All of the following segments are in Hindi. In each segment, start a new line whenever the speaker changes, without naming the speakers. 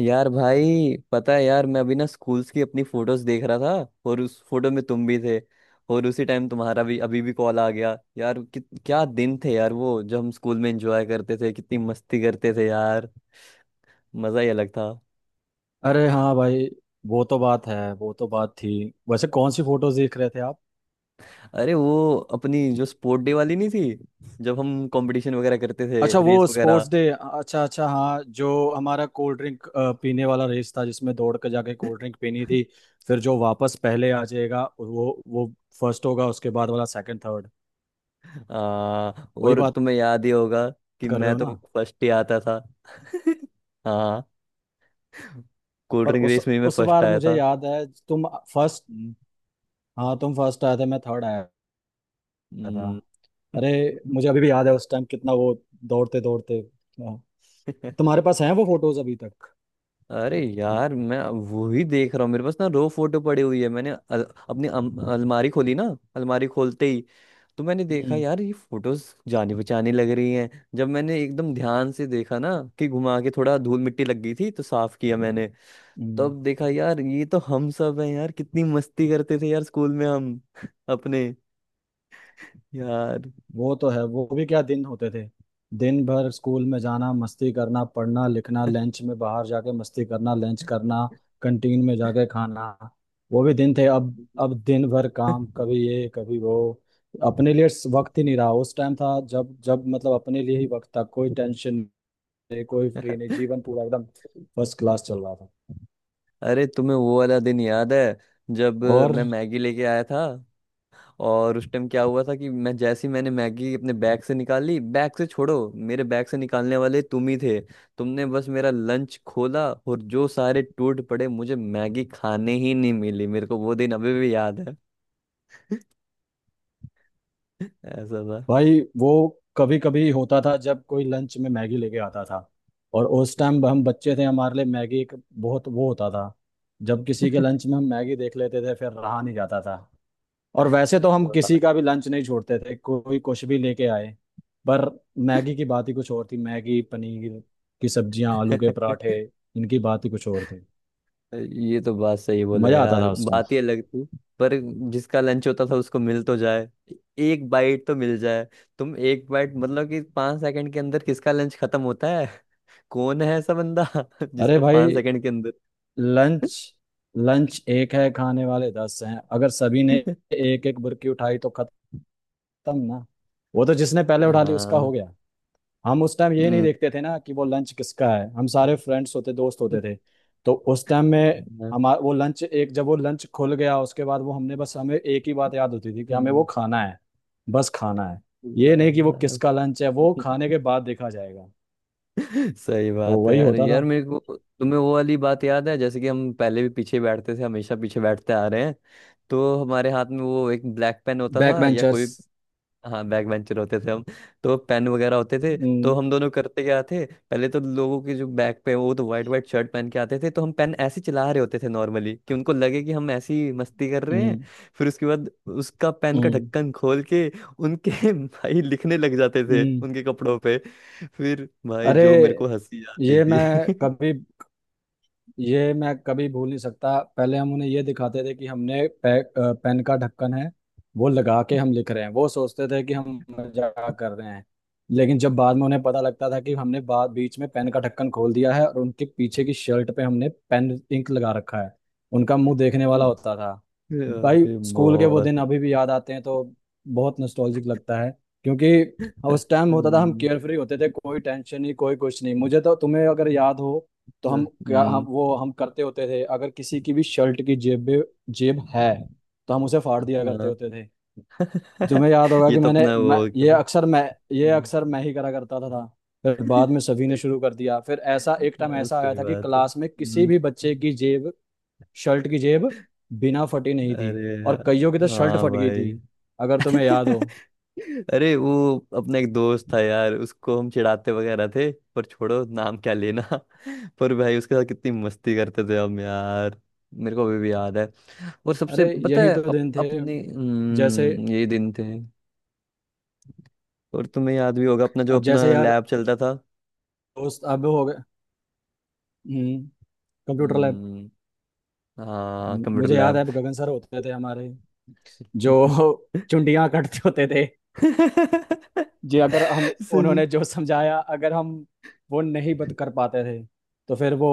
यार भाई पता है यार, मैं अभी ना स्कूल्स की अपनी फोटोज देख रहा था और उस फोटो में तुम भी थे। और उसी टाइम तुम्हारा भी अभी भी कॉल आ गया यार कि क्या दिन थे यार वो, जब हम स्कूल में एंजॉय करते थे, कितनी मस्ती करते थे यार। मजा ही अलग था।
अरे हाँ भाई। वो तो बात है, वो तो बात थी। वैसे कौन सी फोटोज देख रहे थे आप?
अरे वो अपनी जो स्पोर्ट डे वाली नहीं थी? जब हम कंपटीशन वगैरह करते थे,
अच्छा,
रेस
वो स्पोर्ट्स
वगैरह।
डे। अच्छा अच्छा, हाँ, जो हमारा कोल्ड ड्रिंक पीने वाला रेस था, जिसमें दौड़ के जाके कोल्ड ड्रिंक पीनी थी, फिर जो वापस पहले आ जाएगा वो फर्स्ट होगा, उसके बाद वाला सेकंड, थर्ड।
आ,
वही
और
बात
तुम्हें याद ही होगा कि
कर रहे
मैं
हो ना?
तो फर्स्ट ही आता था। हाँ। कोल्ड
पर
ड्रिंक
उस
रेस में ही मैं
उस
फर्स्ट
बार
आया
मुझे
था।
याद है तुम फर्स्ट, हाँ तुम फर्स्ट आए थे, मैं थर्ड आया था।
हम्म।
अरे मुझे अभी भी याद है उस टाइम कितना वो दौड़ते दौड़ते। तुम्हारे पास हैं वो फोटोज अभी तक?
अरे यार मैं अब वो ही देख रहा हूँ, मेरे पास ना रो फोटो पड़ी हुई है। मैंने अपनी अलमारी खोली ना। अलमारी खोलते ही तो मैंने देखा
हम्म।
यार, ये फोटोज जानी पहचानी लग रही हैं। जब मैंने एकदम ध्यान से देखा ना कि घुमा के, थोड़ा धूल मिट्टी लग गई थी तो साफ किया मैंने।
हम्म।
तब देखा यार, ये तो हम सब हैं यार। कितनी मस्ती करते थे यार स्कूल में हम अपने यार।
वो तो है, वो भी क्या दिन होते थे। दिन भर स्कूल में जाना, मस्ती करना, पढ़ना लिखना, लंच में बाहर जाके मस्ती करना, लंच करना, कंटीन में जाके खाना, वो भी दिन थे। अब। अब दिन भर काम, कभी ये कभी वो, अपने लिए वक्त ही नहीं रहा। उस टाइम था जब जब, मतलब, अपने लिए ही वक्त था, कोई टेंशन नहीं, कोई फ्री नहीं, जीवन पूरा एकदम फर्स्ट क्लास चल रहा था।
अरे तुम्हें वो वाला दिन याद है, जब
और
मैं मैगी लेके आया था। और उस टाइम क्या हुआ था कि मैं जैसे ही मैंने मैगी अपने बैग से निकाली, बैग से छोड़ो, मेरे बैग से निकालने वाले तुम ही थे। तुमने बस मेरा लंच खोला और जो सारे टूट पड़े, मुझे मैगी खाने ही नहीं मिली। मेरे को वो दिन अभी भी याद है। ऐसा
भाई वो कभी कभी होता था जब कोई लंच में मैगी लेके आता था, और उस टाइम हम बच्चे थे, हमारे लिए मैगी एक बहुत वो होता था। जब किसी के लंच में हम मैगी देख लेते थे फिर रहा नहीं जाता था, और वैसे तो हम
था।
किसी का भी लंच नहीं छोड़ते थे, कोई कुछ भी लेके आए। पर मैगी की बात ही कुछ और थी। मैगी, पनीर की सब्जियां, आलू के पराठे, इनकी बात ही कुछ और थी।
ये तो बात सही बोले
मजा आता
यार,
था उस टाइम।
बात ही अलग थी। पर जिसका लंच होता था उसको मिल तो जाए, एक बाइट तो मिल जाए। तुम एक बाइट मतलब कि 5 सेकंड के अंदर किसका लंच खत्म होता है? कौन है ऐसा बंदा?
अरे
जिसका पांच
भाई,
सेकंड के अंदर।
लंच, लंच एक है, खाने वाले 10 हैं, अगर सभी ने एक एक बुरकी उठाई तो खत्म ना। वो तो जिसने पहले उठा ली उसका
हाँ।
हो गया। हम उस टाइम ये नहीं
हम्म।
देखते थे ना कि वो लंच किसका है, हम सारे फ्रेंड्स होते, दोस्त होते थे। तो उस टाइम में
हाँ।
हमारा वो लंच एक, जब वो लंच खुल गया उसके बाद वो, हमने बस, हमें एक ही बात याद होती थी कि हमें वो खाना है, बस खाना है। ये नहीं कि वो किसका लंच है, वो
हम्म।
खाने के बाद देखा जाएगा।
सही
तो
बात है
वही
यार,
होता था।
यार मेरे को तुम्हें वो वाली बात याद है, जैसे कि हम पहले भी पीछे बैठते थे, हमेशा पीछे बैठते आ रहे हैं। तो हमारे हाथ में वो एक ब्लैक पेन होता
बैक
था या कोई।
बेंचर्स।
हाँ, बैक बेंचर होते थे हम। तो पेन वगैरह होते थे। तो
हम्म।
हम दोनों करते क्या थे, पहले तो लोगों के जो बैक पे, वो तो वाइट वाइट शर्ट पहन के आते थे, तो हम पेन ऐसे चला रहे होते थे नॉर्मली कि उनको लगे कि हम ऐसी मस्ती कर रहे हैं।
हम्म।
फिर उसके बाद उसका पेन का
हम्म।
ढक्कन खोल के उनके भाई लिखने लग जाते थे
हम्म।
उनके कपड़ों पे। फिर भाई
अरे,
जो मेरे को हंसी आती
ये
थी।
मैं कभी ये मैं कभी भूल नहीं सकता। पहले हम उन्हें ये दिखाते थे कि हमने पेन का ढक्कन है, वो लगा के हम लिख रहे हैं, वो सोचते थे कि हम मजाक कर रहे हैं। लेकिन जब बाद में उन्हें पता लगता था कि हमने बाद बीच में पेन का ढक्कन खोल दिया है और उनके पीछे की शर्ट पे हमने पेन इंक लगा रखा है, उनका मुंह देखने वाला होता था। भाई
अरे
स्कूल के वो
बहुत।
दिन अभी भी याद आते हैं तो बहुत नॉस्टैल्जिक लगता है, क्योंकि उस टाइम होता था हम
हम्म,
केयरफ्री होते थे, कोई टेंशन नहीं, कोई कुछ नहीं। मुझे तो, तुम्हें अगर याद हो, तो हम क्या हम
हम्म,
वो हम करते होते थे अगर किसी की भी शर्ट की जेब में, जेब है तो हम उसे फाड़ दिया करते
हाँ।
होते थे। तुम्हें याद होगा
ये
कि
तो अपना वो हो गया
मैं ये
था।
अक्सर मैं ही करा करता था। फिर बाद में सभी ने शुरू कर दिया, फिर ऐसा एक टाइम
हाँ,
ऐसा आया
सही
था कि
बात है।
क्लास में किसी
हम्म।
भी बच्चे की जेब, शर्ट की जेब बिना फटी नहीं थी,
अरे
और कईयों की तो
यार,
शर्ट
हाँ
फट गई थी,
भाई।
अगर तुम्हें याद हो।
अरे वो, अपना एक दोस्त था यार, उसको हम चिढ़ाते वगैरह थे पर छोड़ो, नाम क्या लेना। पर भाई उसके साथ कितनी मस्ती करते थे हम यार। मेरे को अभी भी याद है। और सबसे
अरे
पता
यही
है
तो दिन थे।
अपने
जैसे,
ये दिन थे। और तुम्हें याद भी होगा अपना जो
अब
अपना
जैसे यार,
लैब चलता था।
दोस्त अब हो गए। हम्म। Computer lab.
हम्म, हाँ, कंप्यूटर
मुझे याद
लैब।
है गगन सर होते थे हमारे, जो चुंडियां कटते होते थे जी। अगर हम
सही।
उन्होंने जो समझाया, अगर हम वो नहीं बत कर पाते थे तो फिर वो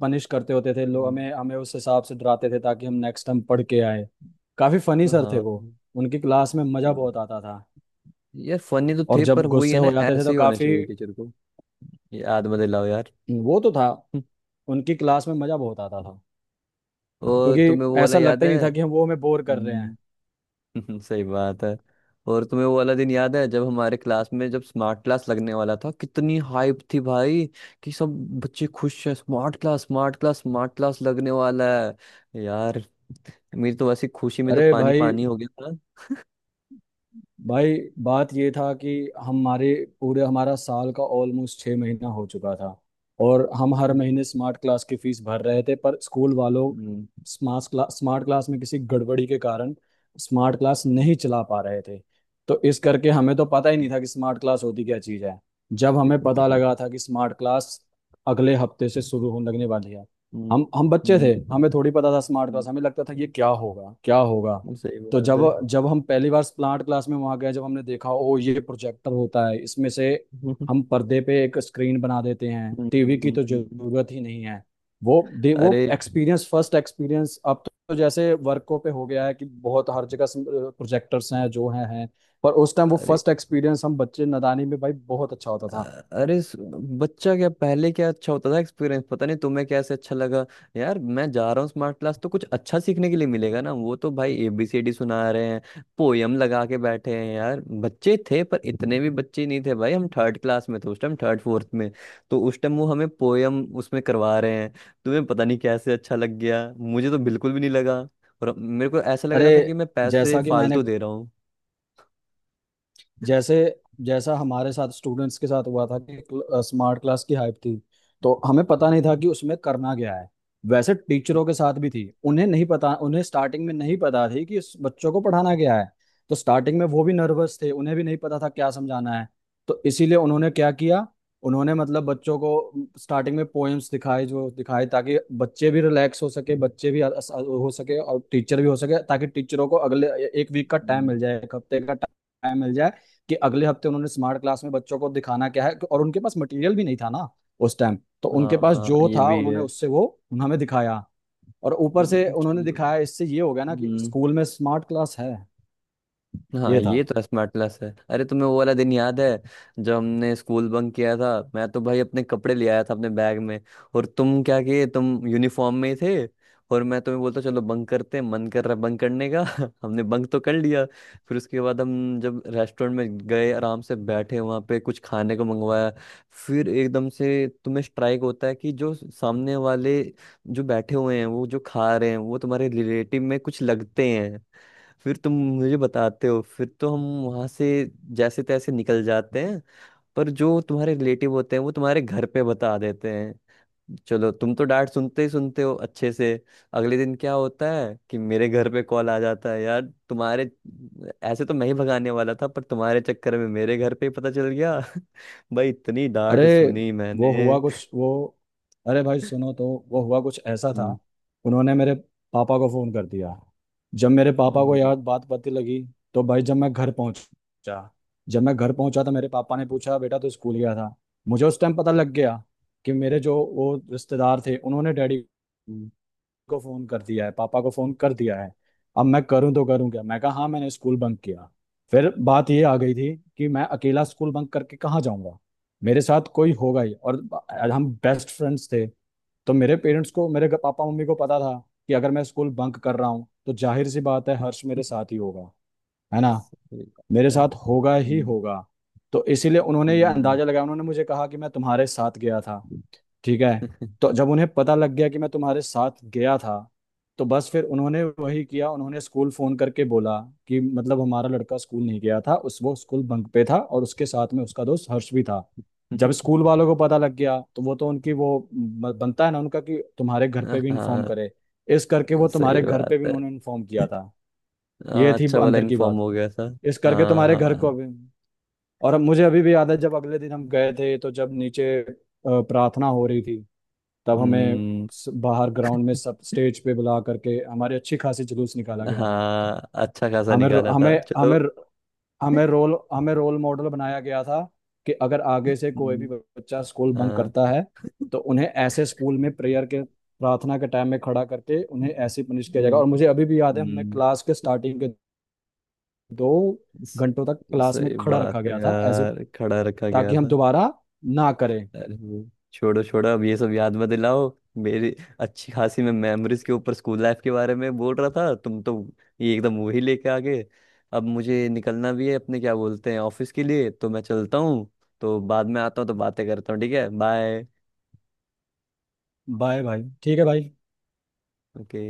पनिश करते होते थे, लोग
हम्म,
हमें, उस हिसाब से डराते थे ताकि हम नेक्स्ट टाइम पढ़ के आए। काफी फनी सर थे
हाँ।
वो। उनकी क्लास में मजा
हम्म।
बहुत आता था।
यार, फनी तो
और
थे पर
जब
वही है
गुस्से
ना,
हो जाते थे
ऐसे
तो
ही होना
काफी।
चाहिए टीचर को। याद मत दिलाओ यार।
वो तो था। उनकी क्लास में मजा बहुत आता था,
और तुम्हें
क्योंकि
वो वाला
ऐसा
याद
लगता ही
है?
नहीं था कि हम वो हमें बोर कर रहे हैं।
हम्म। सही बात है। और तुम्हें वो वाला दिन याद है जब हमारे क्लास में जब स्मार्ट क्लास लगने वाला था, कितनी हाइप थी भाई। कि सब बच्चे खुश हैं, smart class smart class smart class लगने वाला है यार। मेरी तो वैसी खुशी में तो
अरे
पानी
भाई
पानी हो गया था।
भाई, बात ये था कि हमारे पूरे हमारा साल का ऑलमोस्ट 6 महीना हो चुका था, और हम हर
हम्म,
महीने स्मार्ट क्लास की फीस भर रहे थे, पर स्कूल वालों,
हम्म,
स्मार्ट क्लास में किसी गड़बड़ी के कारण स्मार्ट क्लास नहीं चला पा रहे थे। तो इस करके हमें तो पता ही नहीं था कि स्मार्ट क्लास होती क्या चीज़ है। जब हमें पता
हम्म,
लगा था कि स्मार्ट क्लास अगले हफ्ते से शुरू होने लगने वाली है,
हम्म,
हम
हम्म,
बच्चे
हम्म,
थे, हमें थोड़ी पता था स्मार्ट क्लास,
हम्म।
हमें लगता था ये क्या होगा क्या होगा।
सही
तो
बात
जब,
है।
जब हम पहली बार प्लांट क्लास में वहां गए, जब हमने देखा ओ ये प्रोजेक्टर होता है, इसमें से हम पर्दे पे एक स्क्रीन बना देते हैं, टीवी की
हम्म।
तो जरूरत ही नहीं है। वो
अरे
एक्सपीरियंस, फर्स्ट एक्सपीरियंस, अब तो जैसे वर्कों पे हो गया है कि बहुत हर जगह प्रोजेक्टर्स हैं जो हैं। पर उस टाइम वो
अरे
फर्स्ट एक्सपीरियंस, हम बच्चे नादानी में, भाई, बहुत अच्छा होता था।
अरे बच्चा क्या, पहले क्या अच्छा होता था एक्सपीरियंस, पता नहीं तुम्हें कैसे अच्छा लगा। यार मैं जा रहा हूँ स्मार्ट क्लास तो कुछ अच्छा सीखने के लिए मिलेगा ना। वो तो भाई एबीसीडी सुना रहे हैं, पोयम लगा के बैठे हैं यार। बच्चे थे पर इतने भी बच्चे नहीं थे भाई, हम थर्ड क्लास में थे उस टाइम, थर्ड फोर्थ में। तो उस टाइम वो हमें पोयम उसमें करवा रहे हैं। तुम्हें पता नहीं कैसे अच्छा लग गया, मुझे तो बिल्कुल भी नहीं लगा। और मेरे को ऐसा लग
अरे,
रहा था कि मैं पैसे
जैसा कि मैंने
फालतू दे रहा हूँ।
जैसे जैसा हमारे साथ स्टूडेंट्स के साथ हुआ था कि स्मार्ट क्लास की हाइप थी, तो हमें पता नहीं था कि उसमें करना क्या है। वैसे टीचरों के साथ भी थी, उन्हें नहीं पता, उन्हें स्टार्टिंग में नहीं पता थी कि इस बच्चों को पढ़ाना क्या है, तो स्टार्टिंग में वो भी नर्वस थे, उन्हें भी नहीं पता था क्या समझाना है। तो इसीलिए उन्होंने क्या किया, उन्होंने, मतलब, बच्चों को स्टार्टिंग में पोएम्स दिखाए, जो दिखाए, ताकि बच्चे भी रिलैक्स हो सके, बच्चे भी हो सके, और टीचर भी हो सके, ताकि टीचरों को अगले एक वीक का टाइम
हम्म,
मिल जाए, एक हफ्ते का टाइम मिल जाए, कि अगले हफ्ते उन्होंने स्मार्ट क्लास में बच्चों को दिखाना क्या है, और उनके पास मटेरियल भी नहीं था ना उस टाइम। तो उनके पास
हाँ
जो
ये
था
भी
उन्होंने
है।
उससे वो हमें दिखाया, और ऊपर से उन्होंने
चलो।
दिखाया, इससे ये हो गया ना कि
हम्म।
स्कूल में स्मार्ट क्लास है।
हाँ
ये था।
ये तो स्मार्ट क्लास है। अरे तुम्हें वो वाला दिन याद है जब हमने स्कूल बंक किया था? मैं तो भाई अपने कपड़े ले आया था अपने बैग में। और तुम क्या किए, तुम यूनिफॉर्म में ही थे। और मैं तुम्हें बोलता चलो बंक करते हैं, मन कर रहा है बंक करने का। हमने बंक तो कर लिया। फिर उसके बाद हम जब रेस्टोरेंट में गए, आराम से बैठे वहाँ पे कुछ खाने को मंगवाया। फिर एकदम से तुम्हें स्ट्राइक होता है कि जो सामने वाले जो बैठे हुए हैं, वो जो खा रहे हैं, वो तुम्हारे रिलेटिव में कुछ लगते हैं। फिर तुम मुझे बताते हो, फिर तो हम वहां से जैसे तैसे निकल जाते हैं। पर जो तुम्हारे रिलेटिव होते हैं वो तुम्हारे घर पे बता देते हैं, चलो तुम तो डांट सुनते ही सुनते हो अच्छे से। अगले दिन क्या होता है कि मेरे घर पे कॉल आ जाता है यार, तुम्हारे ऐसे तो मैं ही भगाने वाला था, पर तुम्हारे चक्कर में मेरे घर पे ही पता चल गया। भाई इतनी डांट
अरे
सुनी
वो
मैंने।
हुआ कुछ वो अरे भाई सुनो, तो वो हुआ कुछ ऐसा था।
हम्म,
उन्होंने मेरे पापा को फोन कर दिया। जब मेरे पापा को
हम्म,
यार बात पता लगी, तो भाई, जब मैं घर पहुंचा, तो मेरे पापा ने पूछा बेटा तू स्कूल गया था। मुझे उस टाइम पता लग गया कि मेरे जो वो रिश्तेदार थे उन्होंने डैडी
हम्म,
को फोन कर दिया है, पापा को फोन कर दिया है। अब मैं करूं तो करूं क्या, मैं कहा हाँ मैंने स्कूल बंक किया। फिर बात ये आ गई थी कि मैं अकेला स्कूल बंक करके कहाँ जाऊंगा, मेरे साथ कोई होगा ही, और हम बेस्ट फ्रेंड्स थे। तो मेरे पेरेंट्स को, मेरे पापा मम्मी को पता था कि अगर मैं स्कूल बंक कर रहा हूँ तो जाहिर सी बात है हर्ष मेरे साथ ही होगा, है ना।
सही बात
मेरे
है।
साथ होगा ही
हम्म,
होगा। तो इसीलिए उन्होंने ये
हम्म।
अंदाजा लगाया, उन्होंने मुझे कहा कि मैं तुम्हारे साथ गया था, ठीक है। तो जब उन्हें पता लग गया कि मैं तुम्हारे साथ गया था, तो बस फिर उन्होंने वही किया, उन्होंने स्कूल फोन करके बोला कि मतलब हमारा लड़का स्कूल नहीं गया था, उस, वो स्कूल बंक पे था, और उसके साथ में उसका दोस्त हर्ष भी था। जब स्कूल वालों को पता लग गया तो वो तो उनकी वो बनता है ना उनका कि तुम्हारे घर पे भी इन्फॉर्म
हाँ,
करे। इस करके वो तुम्हारे
सही
घर पे भी
बात है।
उन्होंने इन्फॉर्म किया था। ये
हाँ,
थी
अच्छा वाला
अंदर की
इन्फॉर्म
बात,
हो गया था।
इस करके तुम्हारे घर
हाँ।
को भी। और अब मुझे अभी भी याद है जब अगले दिन हम गए थे, तो जब नीचे प्रार्थना हो रही थी, तब हमें
हम्म,
बाहर ग्राउंड में सब स्टेज पे बुला करके हमारी अच्छी खासी जुलूस निकाला गया था।
हाँ, अच्छा खासा
हमें रो-
निकाला था
हमें
चलो।
हमें हमें रोल मॉडल बनाया गया था कि अगर आगे से कोई भी
हम्म,
बच्चा स्कूल बंक
हाँ।
करता है तो उन्हें ऐसे स्कूल में प्रेयर के प्रार्थना के टाइम में खड़ा करके उन्हें ऐसे पनिश किया जाएगा।
हम्म,
और मुझे अभी भी याद है हमने
हम्म,
क्लास के स्टार्टिंग के दो
स-
घंटों तक क्लास में
सही
खड़ा रखा
बात है
गया था, एज ए,
यार, खड़ा रखा गया
ताकि हम
था।
दोबारा ना करें।
अरे वो छोड़ो छोड़ो, अब ये सब याद मत दिलाओ। मेरी अच्छी खासी मैं मेमोरीज के ऊपर स्कूल लाइफ के बारे में बोल रहा था, तुम तो ये एकदम वही लेके आ गए। अब मुझे निकलना भी है अपने क्या बोलते हैं, ऑफिस के लिए तो मैं चलता हूँ। तो बाद में आता हूँ तो बातें करता हूँ, ठीक है, बाय।
बाय भाई, ठीक है भाई।
ओके।